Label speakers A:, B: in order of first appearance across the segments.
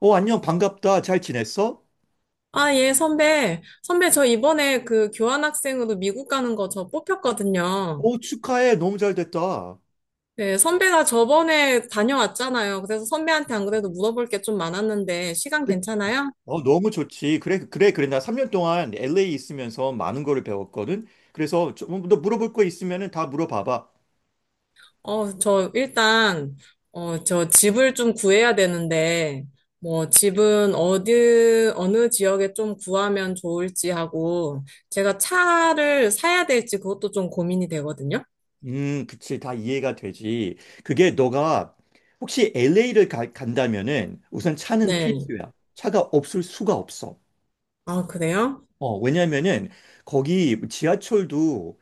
A: 어, 안녕, 반갑다. 잘 지냈어?
B: 아, 예, 선배. 선배, 저 이번에 그 교환학생으로 미국 가는 거 저 뽑혔거든요.
A: 어, 축하해. 너무 잘 됐다.
B: 네, 선배가 저번에 다녀왔잖아요. 그래서 선배한테 안 그래도
A: 음.
B: 물어볼 게 좀 많았는데, 시간
A: 그-
B: 괜찮아요?
A: 어, 너무 좋지. 그래, 그래, 그래. 나 3년 동안 LA 있으면서 많은 거를 배웠거든. 그래서 좀너 물어볼 거 있으면은 다 물어봐봐.
B: 저 일단, 저 집을 좀 구해야 되는데, 뭐, 집은 어디, 어느 지역에 좀 구하면 좋을지 하고, 제가 차를 사야 될지 그것도 좀 고민이 되거든요.
A: 그치. 다 이해가 되지. 그게 너가 혹시 LA를 간다면은 우선 차는
B: 네.
A: 필수야. 차가 없을 수가 없어.
B: 아, 그래요?
A: 어, 왜냐면은 거기 지하철도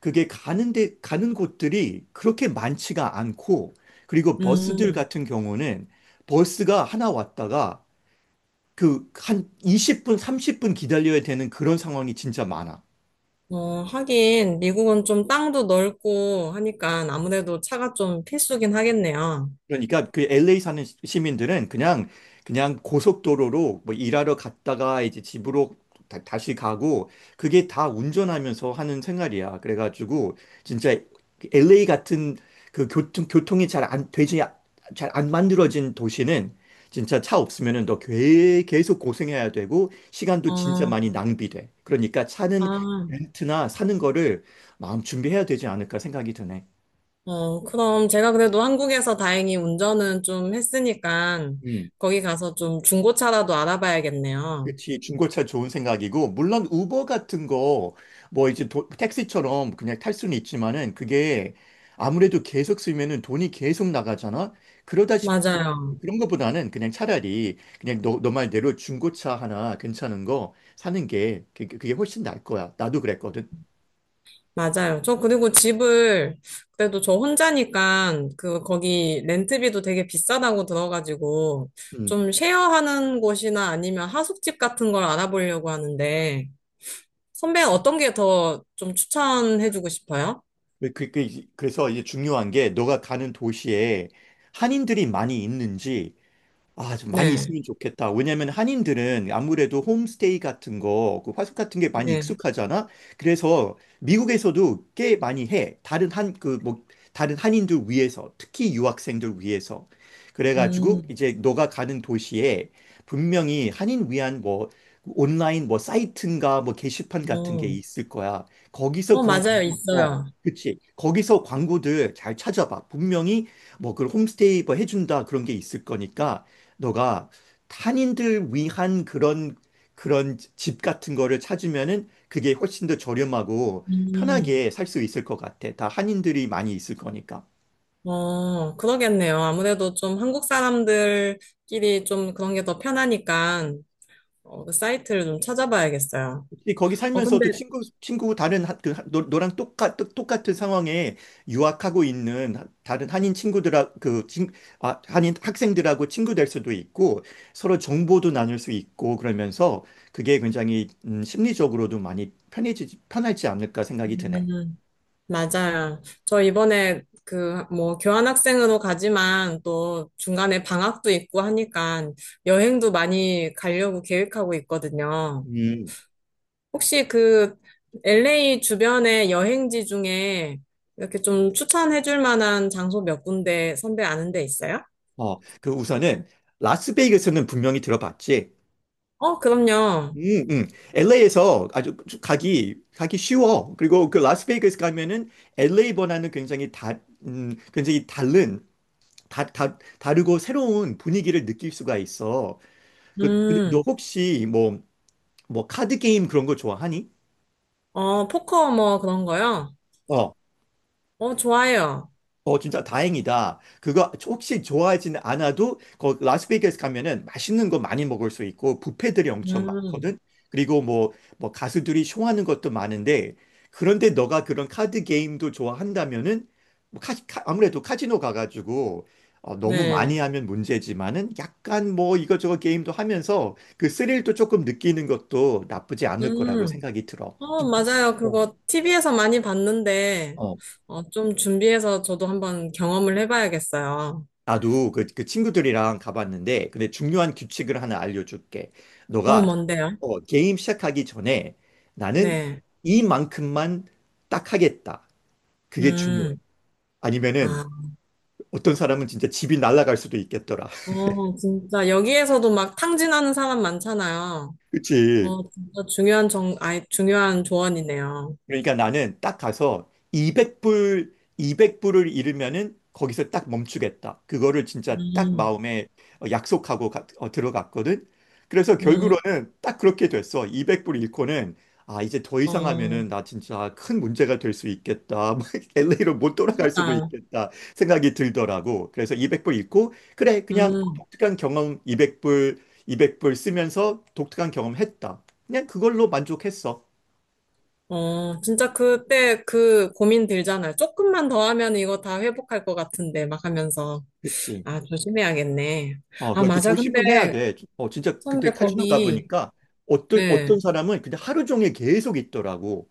A: 그게 가는 데, 가는 곳들이 그렇게 많지가 않고, 그리고 버스들
B: 음.
A: 같은 경우는 버스가 하나 왔다가 그 한 20분, 30분 기다려야 되는 그런 상황이 진짜 많아.
B: 하긴, 미국은 좀 땅도 넓고 하니까 아무래도 차가 좀 필수긴 하겠네요.
A: 그러니까 그 LA 사는 시민들은 그냥 그냥 고속도로로 뭐 일하러 갔다가 이제 집으로 다시 가고 그게 다 운전하면서 하는 생활이야. 그래가지고 진짜 LA 같은 그 교통이 잘 안 되지 잘 안 만들어진 도시는 진짜 차 없으면은 너 계속 고생해야 되고 시간도 진짜
B: 어,
A: 많이 낭비돼. 그러니까 차는
B: 아,
A: 렌트나 사는 거를 마음 준비해야 되지 않을까 생각이 드네.
B: 그럼 제가 그래도 한국에서 다행히 운전은 좀 했으니까
A: 음.
B: 거기 가서 좀 중고차라도 알아봐야겠네요.
A: 그치, 중고차 좋은 생각이고, 물론 우버 같은 거, 뭐 이제 택시처럼 그냥 탈 수는 있지만은 그게 아무래도 계속 쓰면은 돈이 계속 나가잖아? 그러다 싶, 그런,
B: 맞아요.
A: 그런 거보다는 그냥 차라리 그냥 너, 너 말대로 중고차 하나 괜찮은 거 사는 게 그게 훨씬 나을 거야. 나도 그랬거든.
B: 맞아요. 저 그리고 집을 그래도 저 혼자니까 그 거기 렌트비도 되게 비싸다고 들어가지고
A: 음.
B: 좀 쉐어하는 곳이나 아니면 하숙집 같은 걸 알아보려고 하는데 선배는 어떤 게 더 좀 추천해주고 싶어요?
A: 그래서 이제 중요한 게 너가 가는 도시에 한인들이 많이 있는지. 아, 좀 많이
B: 네,
A: 있으면 좋겠다. 왜냐면 한인들은 아무래도 홈스테이 같은 거, 그 화숙 같은 게 많이
B: 네,
A: 익숙하잖아. 그래서 미국에서도 꽤 많이 해. 다른 한, 그 뭐, 다른 한인들 위해서, 특히 유학생들 위해서. 그래가지고
B: 음,
A: 이제 너가 가는 도시에 분명히 한인 위한 뭐, 온라인 뭐 사이트인가 뭐 게시판 같은 게
B: 어,
A: 있을 거야. 거기서
B: 어,
A: 그런
B: 맞아요,
A: 광고, 어,
B: 있어요.
A: 그치. 거기서 광고들 잘 찾아봐. 분명히 뭐 그 홈스테이 뭐 해준다 그런 게 있을 거니까. 너가 탄인들 위한 그런 그런 집 같은 거를 찾으면은 그게 훨씬 더 저렴하고
B: 음,
A: 편하게 살 수 있을 것 같아. 다 한인들이 많이 있을 거니까.
B: 어, 그러겠네요. 아무래도 좀 한국 사람들끼리 좀 그런 게 더 편하니까, 어, 그 사이트를 좀 찾아봐야겠어요.
A: 근데 거기
B: 어,
A: 살면서도
B: 근데,
A: 친구 다른 하- 그 하- 너, 너랑 똑같은 상황에 유학하고 있는 다른 한인 친구들하 그 친, 아, 한인 학생들하고 친구 될 수도 있고 서로 정보도 나눌 수 있고 그러면서 그게 굉장히 심리적으로도 많이 편해지 편하지 않을까 생각이 드네.
B: 음, 맞아요. 저 이번에 그, 뭐, 교환학생으로 가지만 또 중간에 방학도 있고 하니까 여행도 많이 가려고 계획하고 있거든요.
A: 음.
B: 혹시 그 LA 주변의 여행지 중에 이렇게 좀 추천해 줄 만한 장소 몇 군데 선배 아는 데 있어요?
A: 어, 그 우선은 라스베이거스는 분명히 들어봤지.
B: 어, 그럼요.
A: 음, 음. LA에서 아주 가기 쉬워. 그리고 그 라스베이거스 가면은 LA 번화는 굉장히 다른 다, 다 다르고 새로운 분위기를 느낄 수가 있어. 그, 근데 너
B: 음,
A: 혹시 뭐 카드 게임 그런 거 좋아하니?
B: 어, 포커 뭐 그런 거요?
A: 어.
B: 어, 좋아요.
A: 어, 진짜 다행이다. 그거 혹시 좋아하진 않아도 거 라스베이거스 가면은 맛있는 거 많이 먹을 수 있고 뷔페들이 엄청
B: 음,
A: 많거든. 그리고 뭐 가수들이 쇼하는 것도 많은데 그런데 너가 그런 카드 게임도 좋아한다면은 아무래도 카지노 가가지고 어, 너무
B: 네.
A: 많이 하면 문제지만은 약간 뭐 이것저것 게임도 하면서 그 스릴도 조금 느끼는 것도 나쁘지 않을 거라고
B: 음,
A: 생각이 들어.
B: 어,
A: 좀,
B: 맞아요. 그거 TV에서 많이 봤는데,
A: 어.
B: 좀 준비해서 저도 한번 경험을 해봐야겠어요.
A: 나도 그 친구들이랑 가봤는데, 근데 중요한 규칙을 하나 알려줄게.
B: 어,
A: 너가
B: 뭔데요?
A: 어, 게임 시작하기 전에 나는
B: 네.
A: 이만큼만 딱 하겠다. 그게 중요해.
B: 음,
A: 아니면은
B: 아,
A: 어떤 사람은 진짜 집이 날아갈 수도 있겠더라.
B: 어, 진짜 여기에서도 막 탕진하는 사람 많잖아요.
A: 그치?
B: 어, 진짜 중요한 정, 아이, 중요한 조언이네요.
A: 그러니까 나는 딱 가서 200불을 잃으면은 거기서 딱 멈추겠다. 그거를 진짜 딱
B: 음,
A: 마음에 어, 약속하고 어, 들어갔거든. 그래서
B: 음,
A: 결국으로는 딱 그렇게 됐어. 200불 잃고는 아, 이제 더 이상
B: 어,
A: 하면은 나 진짜 큰 문제가 될 수 있겠다. LA로 못 돌아갈 수도
B: 그러니까,
A: 있겠다 생각이 들더라고. 그래서 200불 잃고 그래, 그냥
B: 음,
A: 독특한 경험. 200불 쓰면서 독특한 경험 했다. 그냥 그걸로 만족했어.
B: 어, 진짜 그때 그 고민 들잖아요. 조금만 더 하면 이거 다 회복할 것 같은데 막 하면서
A: 그치.
B: 아, 조심해야겠네.
A: 어,
B: 아,
A: 그러니까
B: 맞아. 근데
A: 조심은 해야 돼. 어, 진짜 그때
B: 선배
A: 카지노
B: 거기
A: 가보니까 어떤,
B: 네.
A: 어떤 사람은 근데 하루 종일 계속 있더라고.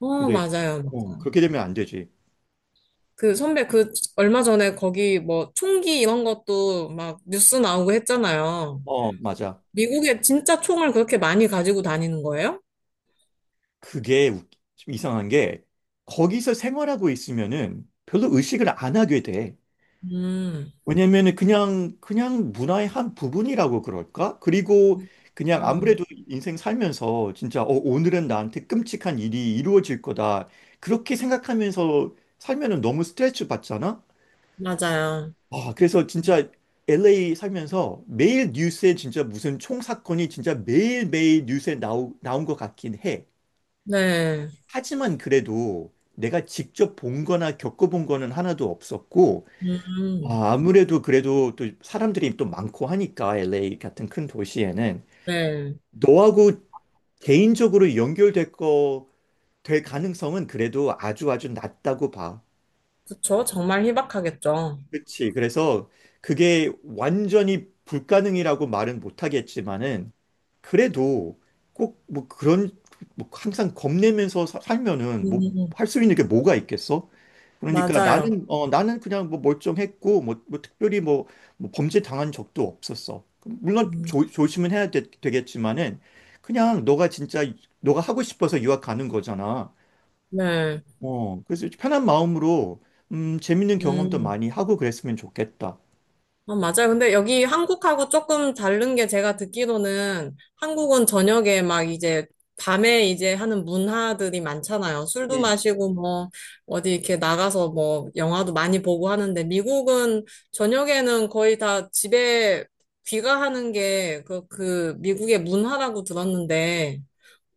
B: 어,
A: 근데,
B: 맞아요.
A: 어,
B: 맞아요.
A: 그렇게 되면 안 되지.
B: 그 선배 그 얼마 전에 거기 뭐 총기 이런 것도 막 뉴스 나오고 했잖아요.
A: 어, 맞아.
B: 미국에 진짜 총을 그렇게 많이 가지고 다니는 거예요?
A: 그게 웃- 좀 이상한 게 거기서 생활하고 있으면은 별로 의식을 안 하게 돼.
B: 음,
A: 왜냐면은 그냥, 그냥 문화의 한 부분이라고 그럴까? 그리고 그냥
B: 음,
A: 아무래도 인생 살면서 진짜 어, 오늘은 나한테 끔찍한 일이 이루어질 거다. 그렇게 생각하면서 살면은 너무 스트레스 받잖아?
B: 맞아요.
A: 아, 그래서 진짜 LA 살면서 매일 뉴스에 진짜 무슨 총 사건이 진짜 매일매일 뉴스에 나온 것 같긴 해.
B: 네,
A: 하지만 그래도 내가 직접 본 거나 겪어본 거는 하나도 없었고,
B: 음,
A: 아, 아무래도 그래도 또 사람들이 또 많고 하니까 LA 같은 큰 도시에는
B: 네.
A: 너하고 개인적으로 될 가능성은 그래도 아주 낮다고 봐.
B: 그쵸. 정말 희박하겠죠.
A: 그렇지. 그래서 그게 완전히 불가능이라고 말은 못하겠지만은 그래도 꼭 뭐 그런 뭐 항상 겁내면서 살면은 뭐
B: 음,
A: 할 수 있는 게 뭐가 있겠어? 그러니까
B: 맞아요.
A: 나는 어 나는 그냥 뭐 멀쩡했고 뭐, 뭐 범죄 당한 적도 없었어. 물론
B: 음,
A: 조, 조심은 해야 되, 되겠지만은 그냥 너가 진짜 너가 하고 싶어서 유학 가는 거잖아.
B: 네,
A: 어 그래서 편한 마음으로 재밌는 경험도
B: 음.
A: 많이 하고 그랬으면 좋겠다.
B: 아, 맞아요. 근데 여기 한국하고 조금 다른 게 제가 듣기로는 한국은 저녁에 막 이제 밤에 이제 하는 문화들이 많잖아요. 술도 마시고 뭐 어디 이렇게 나가서 뭐 영화도 많이 보고 하는데 미국은 저녁에는 거의 다 집에 귀가하는 게 그, 그 미국의 문화라고 들었는데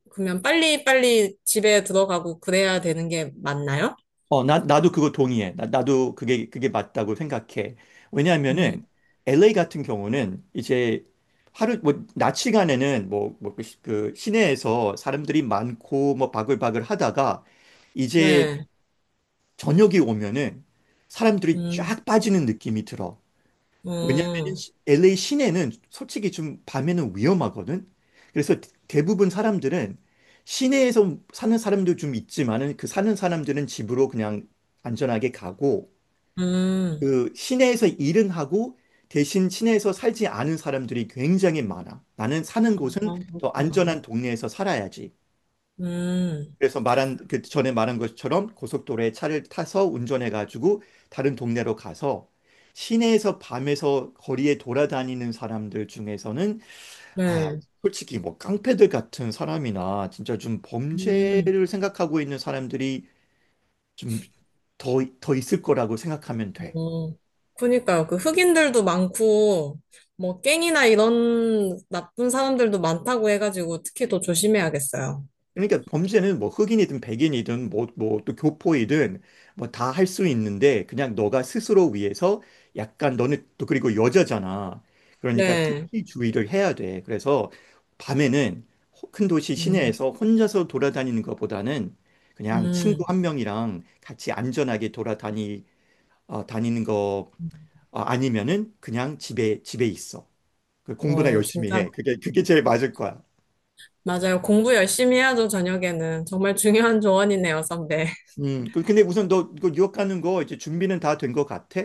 B: 그러면 빨리빨리 집에 들어가고 그래야 되는 게 맞나요?
A: 어, 나도 그거 동의해. 나도 그게 맞다고 생각해. 왜냐하면은,
B: 음,
A: LA 같은 경우는 이제 하루, 뭐, 낮 시간에는 뭐, 뭐, 그 시내에서 사람들이 많고, 뭐, 바글바글 하다가, 이제
B: 네.
A: 저녁이 오면은 사람들이
B: 음,
A: 쫙 빠지는 느낌이 들어. 왜냐면은
B: 음,
A: LA 시내는 솔직히 좀 밤에는 위험하거든. 그래서 대부분 사람들은 시내에서 사는 사람도 좀 있지만은 그 사는 사람들은 집으로 그냥 안전하게 가고
B: 음.
A: 그 시내에서 일은 하고 대신 시내에서 살지 않은 사람들이 굉장히 많아. 나는 사는
B: 아,
A: 곳은 더
B: 그렇구나.
A: 안전한 동네에서 살아야지.
B: 음,
A: 그래서 말한 그 전에 말한 것처럼 고속도로에 차를 타서 운전해 가지고 다른 동네로 가서 시내에서 밤에서 거리에 돌아다니는 사람들 중에서는 아
B: 네.
A: 솔직히 뭐 깡패들 같은 사람이나 진짜 좀
B: 음,
A: 범죄를 생각하고 있는 사람들이 좀 더 있을 거라고 생각하면 돼.
B: 어. 그니까요. 그 흑인들도 많고, 뭐, 갱이나 이런 나쁜 사람들도 많다고 해가지고, 특히 더 조심해야겠어요.
A: 그러니까 범죄는 뭐 흑인이든 백인이든 뭐 또 교포이든 뭐 다 할 수 있는데 그냥 너가 스스로 위해서 약간 너는 또 그리고 여자잖아. 그러니까
B: 네.
A: 특히 주의를 해야 돼. 그래서 밤에는 큰 도시
B: 음,
A: 시내에서 혼자서 돌아다니는 것보다는 그냥 친구
B: 음.
A: 한 명이랑 같이 안전하게 돌아다니 어, 다니는 거. 어, 아니면은 그냥 집에 있어. 그 공부나
B: 어,
A: 열심히
B: 진짜.
A: 해. 그게 제일 맞을 거야.
B: 맞아요. 공부 열심히 해야죠, 저녁에는. 정말 중요한 조언이네요, 선배.
A: 근데 우선 너 이거 유학하는 거 이제 준비는 다 된 거 같아?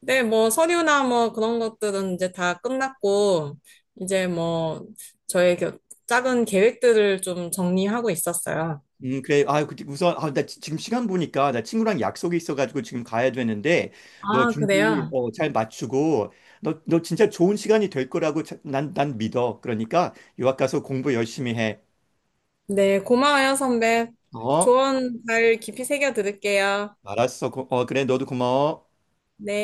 B: 네, 뭐, 서류나 뭐, 그런 것들은 이제 다 끝났고, 이제 뭐, 저의 작은 계획들을 좀 정리하고 있었어요.
A: 그래. 아, 우선, 아, 나 지금 시간 보니까 나 친구랑 약속이 있어가지고 지금 가야 되는데 너
B: 아,
A: 준비
B: 그래요?
A: 어, 잘 맞추고 너, 너 진짜 좋은 시간이 될 거라고 난, 난 믿어. 그러니까 유학 가서 공부 열심히 해.
B: 네, 고마워요, 선배.
A: 어?
B: 조언 잘 깊이 새겨 들을게요.
A: 알았어. 어, 그래. 너도 고마워.
B: 네.